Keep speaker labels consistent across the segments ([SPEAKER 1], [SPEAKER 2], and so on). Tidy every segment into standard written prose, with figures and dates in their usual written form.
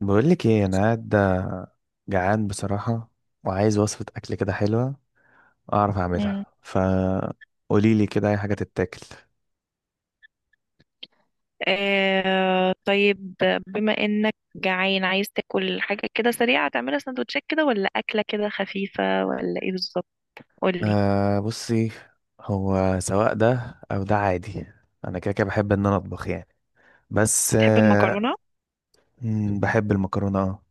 [SPEAKER 1] بقول لك ايه، انا قاعد جعان بصراحه. وعايز وصفه اكل كده حلوه اعرف
[SPEAKER 2] مم.
[SPEAKER 1] اعملها، فقولي لي كده اي حاجه تتاكل.
[SPEAKER 2] آه طيب، بما انك جعان عايز تاكل حاجة كده سريعة، تعملها سندوتشات كده ولا أكلة كده خفيفة ولا ايه بالظبط؟ قولي.
[SPEAKER 1] آه، بصي. هو سواء ده او ده عادي. انا كده كده بحب ان انا اطبخ يعني. بس
[SPEAKER 2] تحب
[SPEAKER 1] آه
[SPEAKER 2] المكرونة؟
[SPEAKER 1] مم،
[SPEAKER 2] مم.
[SPEAKER 1] بحب المكرونه اه.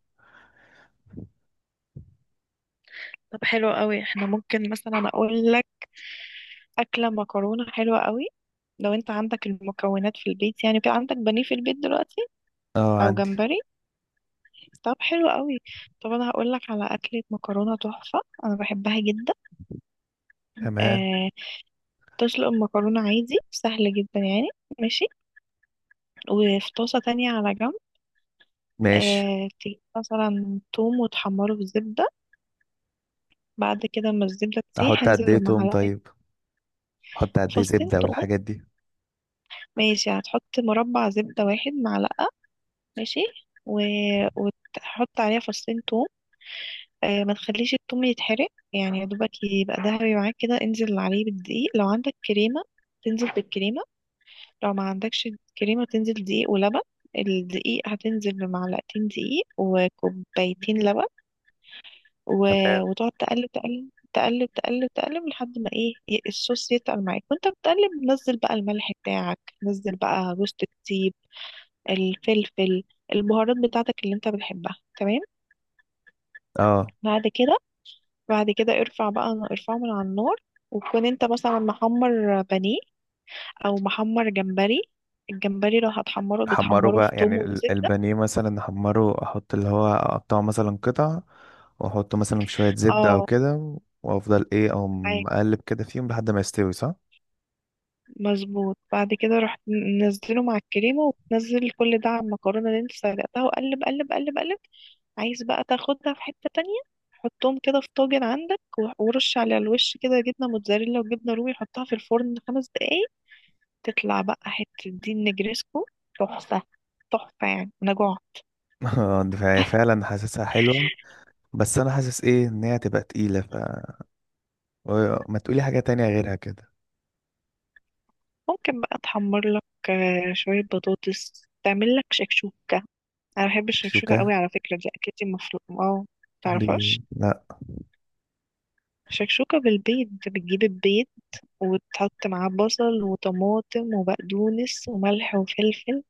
[SPEAKER 2] طب حلو قوي، احنا ممكن مثلا اقول لك اكله مكرونه حلوه قوي. لو انت عندك المكونات في البيت، يعني في عندك بانيه في البيت دلوقتي
[SPEAKER 1] اه،
[SPEAKER 2] او
[SPEAKER 1] عندي.
[SPEAKER 2] جمبري. طب حلو قوي. طب انا هقول لك على اكله مكرونه تحفه، انا بحبها جدا.
[SPEAKER 1] تمام.
[SPEAKER 2] آه، تسلق المكرونه عادي سهل جدا يعني. ماشي. وفي طاسة تانية على جنب،
[SPEAKER 1] ماشي.
[SPEAKER 2] آه تجيب مثلا توم وتحمره في زبدة. بعد كده ما الزبدة
[SPEAKER 1] احط
[SPEAKER 2] تسيح
[SPEAKER 1] قد ايه
[SPEAKER 2] انزل
[SPEAKER 1] توم
[SPEAKER 2] بمعلقة،
[SPEAKER 1] طيب؟ احط قد ايه
[SPEAKER 2] فصين
[SPEAKER 1] زبده
[SPEAKER 2] توم.
[SPEAKER 1] والحاجات دي؟
[SPEAKER 2] ماشي، هتحط مربع زبدة واحد معلقة. ماشي. و... وتحط عليها فصين توم. آه ما تخليش التوم يتحرق، يعني يا دوبك يبقى دهبي معاك كده، انزل عليه بالدقيق. لو عندك كريمة تنزل بالكريمة، لو ما عندكش كريمة تنزل دقيق ولبن. الدقيق هتنزل بمعلقتين دقيق وكوبايتين لبن. و...
[SPEAKER 1] تمام.
[SPEAKER 2] وتقعد تقلب تقلب تقلب تقلب تقلب لحد ما ايه، الصوص يتقل معاك. وانت بتقلب نزل بقى الملح بتاعك، نزل بقى جوزة الطيب، الفلفل، البهارات بتاعتك اللي انت بتحبها. تمام.
[SPEAKER 1] اه،
[SPEAKER 2] بعد كده بعد كده ارفع بقى، ارفعه من على النار. وتكون انت مثلا محمر بانيه او محمر جمبري. الجمبري لو هتحمره
[SPEAKER 1] احمره
[SPEAKER 2] بتحمره في
[SPEAKER 1] بقى يعني
[SPEAKER 2] توم وزبدة.
[SPEAKER 1] البانيه مثلا احمره، احط اللي هو اقطعه مثلا قطع، واحطه مثلا في شوية زبدة او
[SPEAKER 2] اه
[SPEAKER 1] كده. وافضل ايه او مقلب كده فيهم لحد ما يستوي صح؟
[SPEAKER 2] مظبوط. بعد كده رحت منزله مع الكريمة وتنزل كل ده على المكرونة اللي انت سلقتها وقلب قلب قلب قلب. عايز بقى تاخدها في حتة تانية، حطهم كده في طاجن عندك ورش على الوش كده جبنة موتزاريلا وجبنة رومي، حطها في الفرن 5 دقايق. تطلع بقى حتة دي النجريسكو، تحفة. تحفة يعني أنا جوع.
[SPEAKER 1] آه، فهي فعلا حاسسها حلوة. بس انا حاسس ايه ان هي تبقى تقيلة ف ما تقولي حاجة تانية غيرها كده؟
[SPEAKER 2] ممكن بقى تحمر لك آه، شوية بطاطس، تعمل لك شكشوكة. أنا بحب الشكشوكة
[SPEAKER 1] شكشوكة؟
[SPEAKER 2] قوي، على فكرة دي أكلتي المفروض. اه،
[SPEAKER 1] دي؟
[SPEAKER 2] متعرفهاش؟
[SPEAKER 1] لا.
[SPEAKER 2] شكشوكة بالبيض، انت بتجيب البيض وتحط معاه بصل وطماطم وبقدونس وملح وفلفل،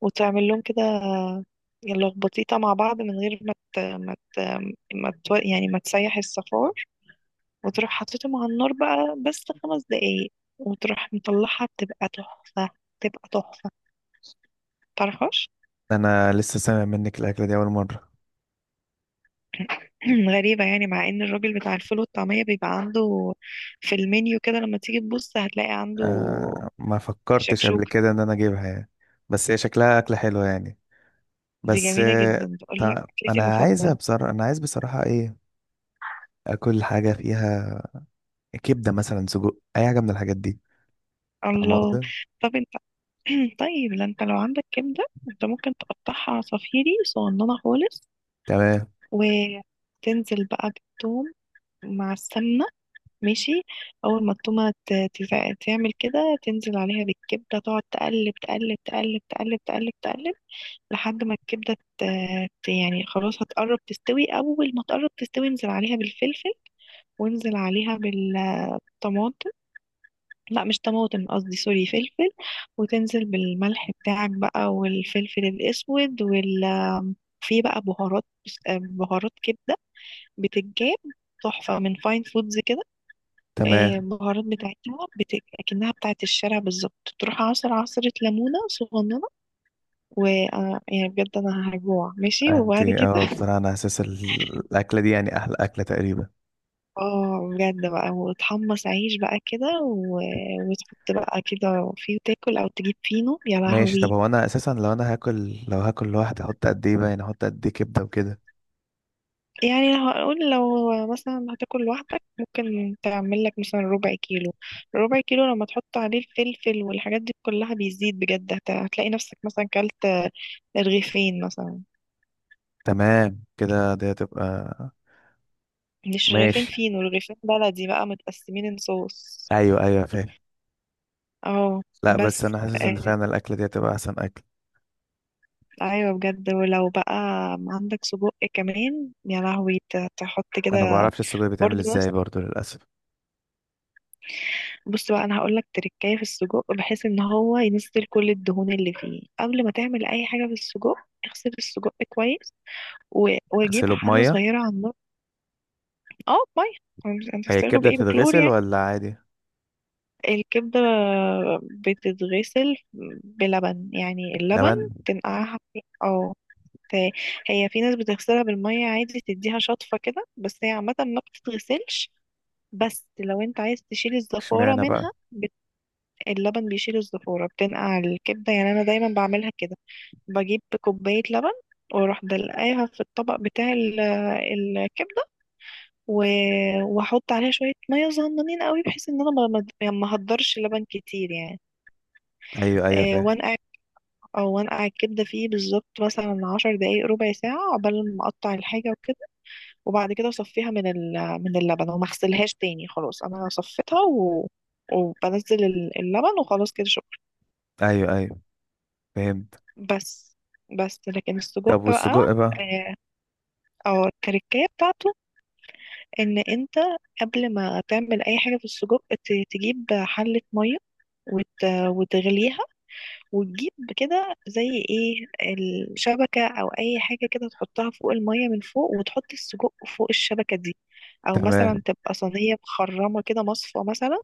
[SPEAKER 2] وتعمل لهم كده لخبطيطة مع بعض من غير ما يعني ما تسيح الصفار. وتروح حاططهم على النار بقى بس 5 دقايق، وتروح مطلعها بتبقى تحفة، تبقى تحفة. متعرفهاش؟
[SPEAKER 1] انا لسه سامع منك الاكلة دي اول مرة.
[SPEAKER 2] غريبة يعني، مع ان الراجل بتاع الفول والطعمية بيبقى عنده في المنيو كده، لما تيجي تبص هتلاقي عنده
[SPEAKER 1] آه، ما فكرتش قبل
[SPEAKER 2] شكشوكة.
[SPEAKER 1] كده ان انا اجيبها يعني. بس هي شكلها اكلة حلوة يعني.
[SPEAKER 2] دي
[SPEAKER 1] بس
[SPEAKER 2] جميلة
[SPEAKER 1] آه،
[SPEAKER 2] جدا، تقول لك
[SPEAKER 1] طب
[SPEAKER 2] أكلتي
[SPEAKER 1] انا عايزة
[SPEAKER 2] المفضلة.
[SPEAKER 1] بصراحة، انا عايز بصراحة ايه، اكل حاجة فيها كبدة مثلا، سجق، اي حاجة من الحاجات دي. فاهم
[SPEAKER 2] الله.
[SPEAKER 1] قصدي؟
[SPEAKER 2] طب أنت، طيب، لا أنت لو عندك كبدة أنت ممكن تقطعها عصافيري صغننة خالص،
[SPEAKER 1] تمام.
[SPEAKER 2] وتنزل بقى بالثوم مع السمنة. ماشي. أول ما التومة تعمل كده، تنزل عليها بالكبدة، تقعد تقلب تقلب تقلب تقلب تقلب تقلب لحد ما الكبدة يعني خلاص هتقرب تستوي. أول ما تقرب تستوي انزل عليها بالفلفل، وانزل عليها بالطماطم. لا مش طماطم، قصدي سوري فلفل. وتنزل بالملح بتاعك بقى، والفلفل الاسود، في بقى بهارات، بهارات كبده، بتتجاب تحفه من فاين فودز كده. آه،
[SPEAKER 1] تمام.
[SPEAKER 2] بهارات بتاعتها اكنها بتاعت الشارع بالظبط. تروح عصر عصرة ليمونه صغننه، و يعني بجد انا هجوع ماشي.
[SPEAKER 1] انت
[SPEAKER 2] وبعد كده
[SPEAKER 1] بصراحة انا اساس الاكلة دي يعني احلى اكلة تقريبا.
[SPEAKER 2] اه بجد بقى، وتحمص عيش بقى كده وتحط بقى كده فيه، تاكل او تجيب فينو يا
[SPEAKER 1] ماشي. طب
[SPEAKER 2] لهوي.
[SPEAKER 1] هو انا اساسا لو هاكل لوحدي احط قد ايه بقى، يعني احط قد ايه كبدة وكده؟
[SPEAKER 2] يعني لو هقول لو مثلا هتاكل لوحدك، ممكن تعمل لك مثلا ربع كيلو. ربع كيلو لما تحط عليه الفلفل والحاجات دي كلها بيزيد بجد، هتلاقي نفسك مثلا كلت رغيفين مثلا.
[SPEAKER 1] تمام كده، دي هتبقى.
[SPEAKER 2] مش رغيفين
[SPEAKER 1] ماشي.
[SPEAKER 2] فينو، رغيفين بلدي بقى متقسمين صوص.
[SPEAKER 1] ايوه، ايوه، فاهم.
[SPEAKER 2] اه.
[SPEAKER 1] لا، بس
[SPEAKER 2] بس
[SPEAKER 1] انا حاسس ان
[SPEAKER 2] آه،
[SPEAKER 1] فعلا الاكلة دي هتبقى احسن اكل.
[SPEAKER 2] ايوه بجد. ولو بقى عندك سجق كمان يا لهوي تحط
[SPEAKER 1] انا ما
[SPEAKER 2] كده.
[SPEAKER 1] بعرفش السجق بيتعمل
[SPEAKER 2] برضه
[SPEAKER 1] ازاي برضو للاسف.
[SPEAKER 2] بص بقى، انا هقول لك تركايه في السجق بحيث ان هو ينزل كل الدهون اللي فيه قبل ما تعمل اي حاجه في السجق. اغسل السجق كويس و... وجيب
[SPEAKER 1] اغسله
[SPEAKER 2] حله
[SPEAKER 1] بمية؟
[SPEAKER 2] صغيره على النار. اه ميه،
[SPEAKER 1] هي
[SPEAKER 2] هتغسله
[SPEAKER 1] الكبدة
[SPEAKER 2] بايه بكلور
[SPEAKER 1] بتتغسل
[SPEAKER 2] يعني؟
[SPEAKER 1] ولا عادي؟
[SPEAKER 2] الكبده بتتغسل بلبن، يعني اللبن
[SPEAKER 1] لبن؟
[SPEAKER 2] تنقعها في ت- هي في ناس بتغسلها بالميه عادي، تديها شطفه كده، بس هي عامه ما بتتغسلش. بس لو انت عايز تشيل الزفاره
[SPEAKER 1] اشمعنى
[SPEAKER 2] منها،
[SPEAKER 1] بقى؟
[SPEAKER 2] اللبن بيشيل الزفورة، بتنقع الكبدة يعني. أنا دايما بعملها كده، بجيب كوباية لبن، واروح دلقاها في الطبق بتاع الكبدة، و- واحط عليها شوية مية صغننين قوي بحيث ان انا يعني ما اهدرش لبن كتير يعني.
[SPEAKER 1] ايوه، ايوه،
[SPEAKER 2] آه،
[SPEAKER 1] فاهم.
[SPEAKER 2] وانقع، او وانقع الكبدة فيه بالظبط مثلا 10 دقايق ربع ساعة عقبال ما اقطع الحاجة وكده. وبعد كده اصفيها من من اللبن، وما اغسلهاش تاني، خلاص انا صفيتها وبنزل اللبن وخلاص كده.
[SPEAKER 1] ايوه، ايوه، فهمت.
[SPEAKER 2] بس بس لكن السجق
[SPEAKER 1] طب
[SPEAKER 2] بقى
[SPEAKER 1] والسجق
[SPEAKER 2] اه،
[SPEAKER 1] بقى؟
[SPEAKER 2] أو التركية بتاعته، ان انت قبل ما تعمل اي حاجة في السجق تجيب حلة مية وتغليها. وتجيب كده زي ايه، الشبكة او اي حاجة كده تحطها فوق المية من فوق، وتحط السجق فوق الشبكة دي، او مثلا
[SPEAKER 1] تمام.
[SPEAKER 2] تبقى صينية مخرمة كده، مصفى مثلا.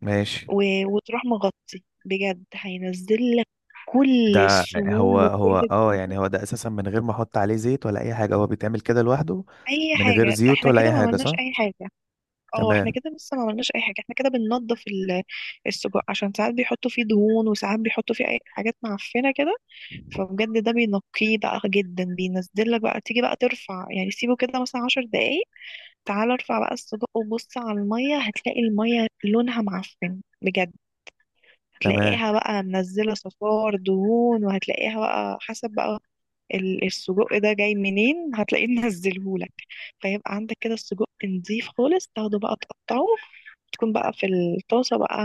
[SPEAKER 1] ماشي.
[SPEAKER 2] و... وتروح مغطي. بجد هينزل لك كل
[SPEAKER 1] ده، هو
[SPEAKER 2] السموم
[SPEAKER 1] هو
[SPEAKER 2] وكل الدهون.
[SPEAKER 1] يعني هو ده اساسا من غير ما احط عليه زيت ولا اي حاجه، هو بيتعمل كده لوحده؟
[SPEAKER 2] اي
[SPEAKER 1] من غير
[SPEAKER 2] حاجه،
[SPEAKER 1] زيوت
[SPEAKER 2] احنا
[SPEAKER 1] ولا
[SPEAKER 2] كده
[SPEAKER 1] اي
[SPEAKER 2] ما
[SPEAKER 1] حاجه
[SPEAKER 2] عملناش
[SPEAKER 1] صح؟
[SPEAKER 2] اي حاجه. اه احنا
[SPEAKER 1] تمام.
[SPEAKER 2] كده لسه ما عملناش اي حاجه، احنا كده بننضف السجق عشان ساعات بيحطوا فيه دهون، وساعات بيحطوا فيه اي حاجات معفنه كده. فبجد ده بينقيه بقى جدا، بينزل لك بقى. تيجي بقى ترفع، يعني سيبه كده مثلا 10 دقايق. تعال ارفع بقى السجق وبص على الميه، هتلاقي الميه لونها معفن بجد،
[SPEAKER 1] تمام.
[SPEAKER 2] هتلاقيها بقى منزلة صفار دهون، وهتلاقيها بقى حسب بقى السجق ده جاي منين هتلاقيه منزلهولك. فيبقى عندك كده السجق نضيف خالص، تاخده بقى تقطعه، تكون بقى في الطاسة بقى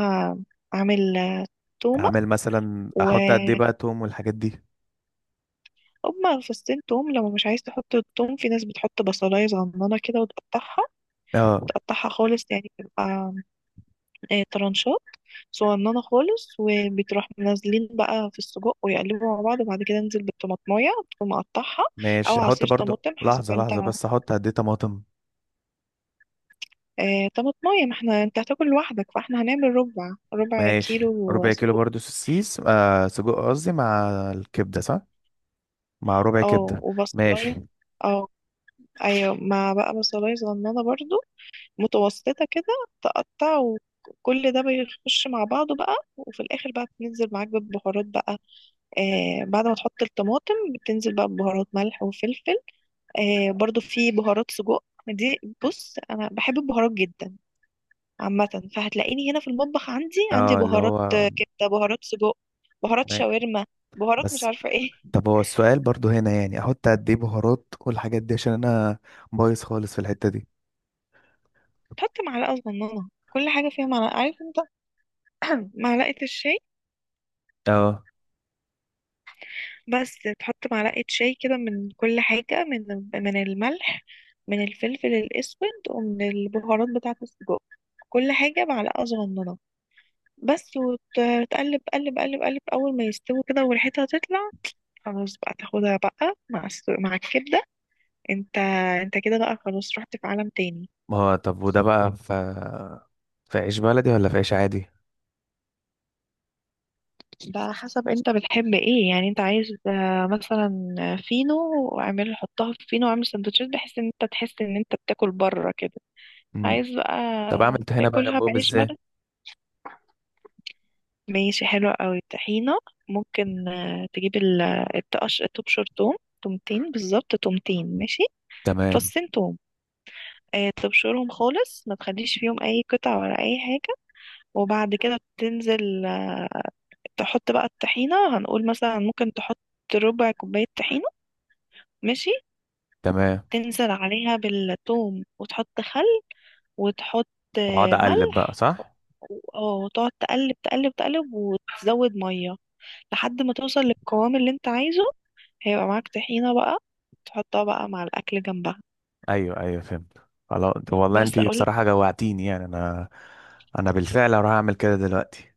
[SPEAKER 2] عامل آه، تومة.
[SPEAKER 1] اعمل مثلا،
[SPEAKER 2] و
[SPEAKER 1] احط قد ايه بقى توم والحاجات دي؟
[SPEAKER 2] هما فصين توم، لو مش عايز تحط التوم في ناس بتحط بصلاية صغننة كده وتقطعها،
[SPEAKER 1] اه.
[SPEAKER 2] تقطعها خالص يعني تبقى آه، طرنشات صغننة خالص. وبتروح منزلين بقى في السجق ويقلبوا مع بعض، وبعد كده انزل بالطماطماية تكون مقطعها،
[SPEAKER 1] ماشي،
[SPEAKER 2] أو
[SPEAKER 1] احط
[SPEAKER 2] عصير
[SPEAKER 1] برضو
[SPEAKER 2] طماطم حسب
[SPEAKER 1] لحظه لحظه،
[SPEAKER 2] انت.
[SPEAKER 1] بس احط قد ايه طماطم؟
[SPEAKER 2] آه، طماطماية، ما احنا انت هتاكل لوحدك فاحنا هنعمل ربع
[SPEAKER 1] ماشي،
[SPEAKER 2] كيلو
[SPEAKER 1] ربع كيلو
[SPEAKER 2] سجق.
[SPEAKER 1] برضو سوسيس سجق قصدي، مع الكبده صح؟ مع ربع
[SPEAKER 2] اه
[SPEAKER 1] كبده.
[SPEAKER 2] وبصلاية.
[SPEAKER 1] ماشي.
[SPEAKER 2] اه، ايوه مع بقى بصلاية صغننة برضو، متوسطة كده. تقطع، وكل ده بيخش مع بعضه بقى، وفي الآخر بقى بتنزل معاك بالبهارات بقى. آه بعد ما تحط الطماطم بتنزل بقى ببهارات ملح وفلفل. آه برضو في بهارات سجق دي. بص انا بحب البهارات جدا عامه، فهتلاقيني هنا في المطبخ عندي
[SPEAKER 1] اه، اللي
[SPEAKER 2] بهارات
[SPEAKER 1] هو
[SPEAKER 2] آه، كبده، بهارات سجق، بهارات
[SPEAKER 1] ما-
[SPEAKER 2] شاورما، بهارات مش
[SPEAKER 1] بس.
[SPEAKER 2] عارفه ايه.
[SPEAKER 1] طب هو السؤال برضو هنا يعني احط قد ايه بهارات والحاجات دي عشان انا بايظ خالص في الحتة دي.
[SPEAKER 2] تحط معلقه صغننه، كل حاجه فيها معلقه، عارف انت، معلقه الشاي.
[SPEAKER 1] اه
[SPEAKER 2] بس تحط معلقه شاي كده من كل حاجه، من الملح، من الفلفل الاسود، ومن البهارات بتاعه السجق. كل حاجه معلقه صغننه بس. وتقلب قلب قلب قلب، اول ما يستوي كده وريحتها تطلع خلاص بقى، تاخدها بقى مع مع الكبدة. انت انت كده بقى خلاص رحت في عالم تاني.
[SPEAKER 1] ما هو طب وده بقى في عيش بلدي ولا في عيش عادي؟
[SPEAKER 2] ده على حسب انت بتحب ايه، يعني انت عايز آه، مثلا فينو، واعمل حطها في فينو واعمل سندوتشات بحيث ان انت تحس ان انت بتاكل بره كده.
[SPEAKER 1] امم.
[SPEAKER 2] عايز بقى
[SPEAKER 1] طب اعمل طحينه بقى
[SPEAKER 2] تاكلها
[SPEAKER 1] جنبهم
[SPEAKER 2] بعيش
[SPEAKER 1] ازاي؟
[SPEAKER 2] بلد. ماشي، حلو قوي. طحينة، ممكن آه، تجيب التقش، تبشر توم، تومتين بالظبط تومتين. ماشي،
[SPEAKER 1] تمام.
[SPEAKER 2] فصين توم. آه، تبشرهم خالص ما تخليش فيهم اي قطع ولا اي حاجة. وبعد كده تنزل آه، تحط بقى الطحينة. هنقول مثلا ممكن تحط ربع كوباية طحينة. ماشي.
[SPEAKER 1] تمام.
[SPEAKER 2] تنزل عليها بالثوم، وتحط خل، وتحط
[SPEAKER 1] واقعد
[SPEAKER 2] آه،
[SPEAKER 1] اقلب بقى
[SPEAKER 2] ملح.
[SPEAKER 1] صح؟
[SPEAKER 2] وتقعد تقلب تقلب تقلب وتزود مية لحد ما توصل للقوام اللي انت عايزه. هيبقى معاك طحينة بقى، تحطها بقى مع الأكل جنبها.
[SPEAKER 1] ايوه، ايوه، فهمت. خلاص والله انت
[SPEAKER 2] بس أقول،
[SPEAKER 1] بصراحه جوعتيني يعني انا، انا بالفعل هروح اعمل كده دلوقتي.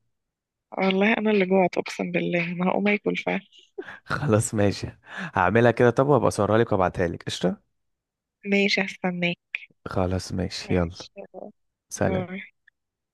[SPEAKER 2] والله انا اللي جوعت اقسم بالله انا هقوم اكل فعلا.
[SPEAKER 1] خلاص ماشي، هعملها كده. طب وابقى اصورها لك وابعتها لك قشطه؟
[SPEAKER 2] ماشي، هستناك.
[SPEAKER 1] خلاص ماشي، يلا.
[SPEAKER 2] ماشي يلا.
[SPEAKER 1] سلام.
[SPEAKER 2] باي.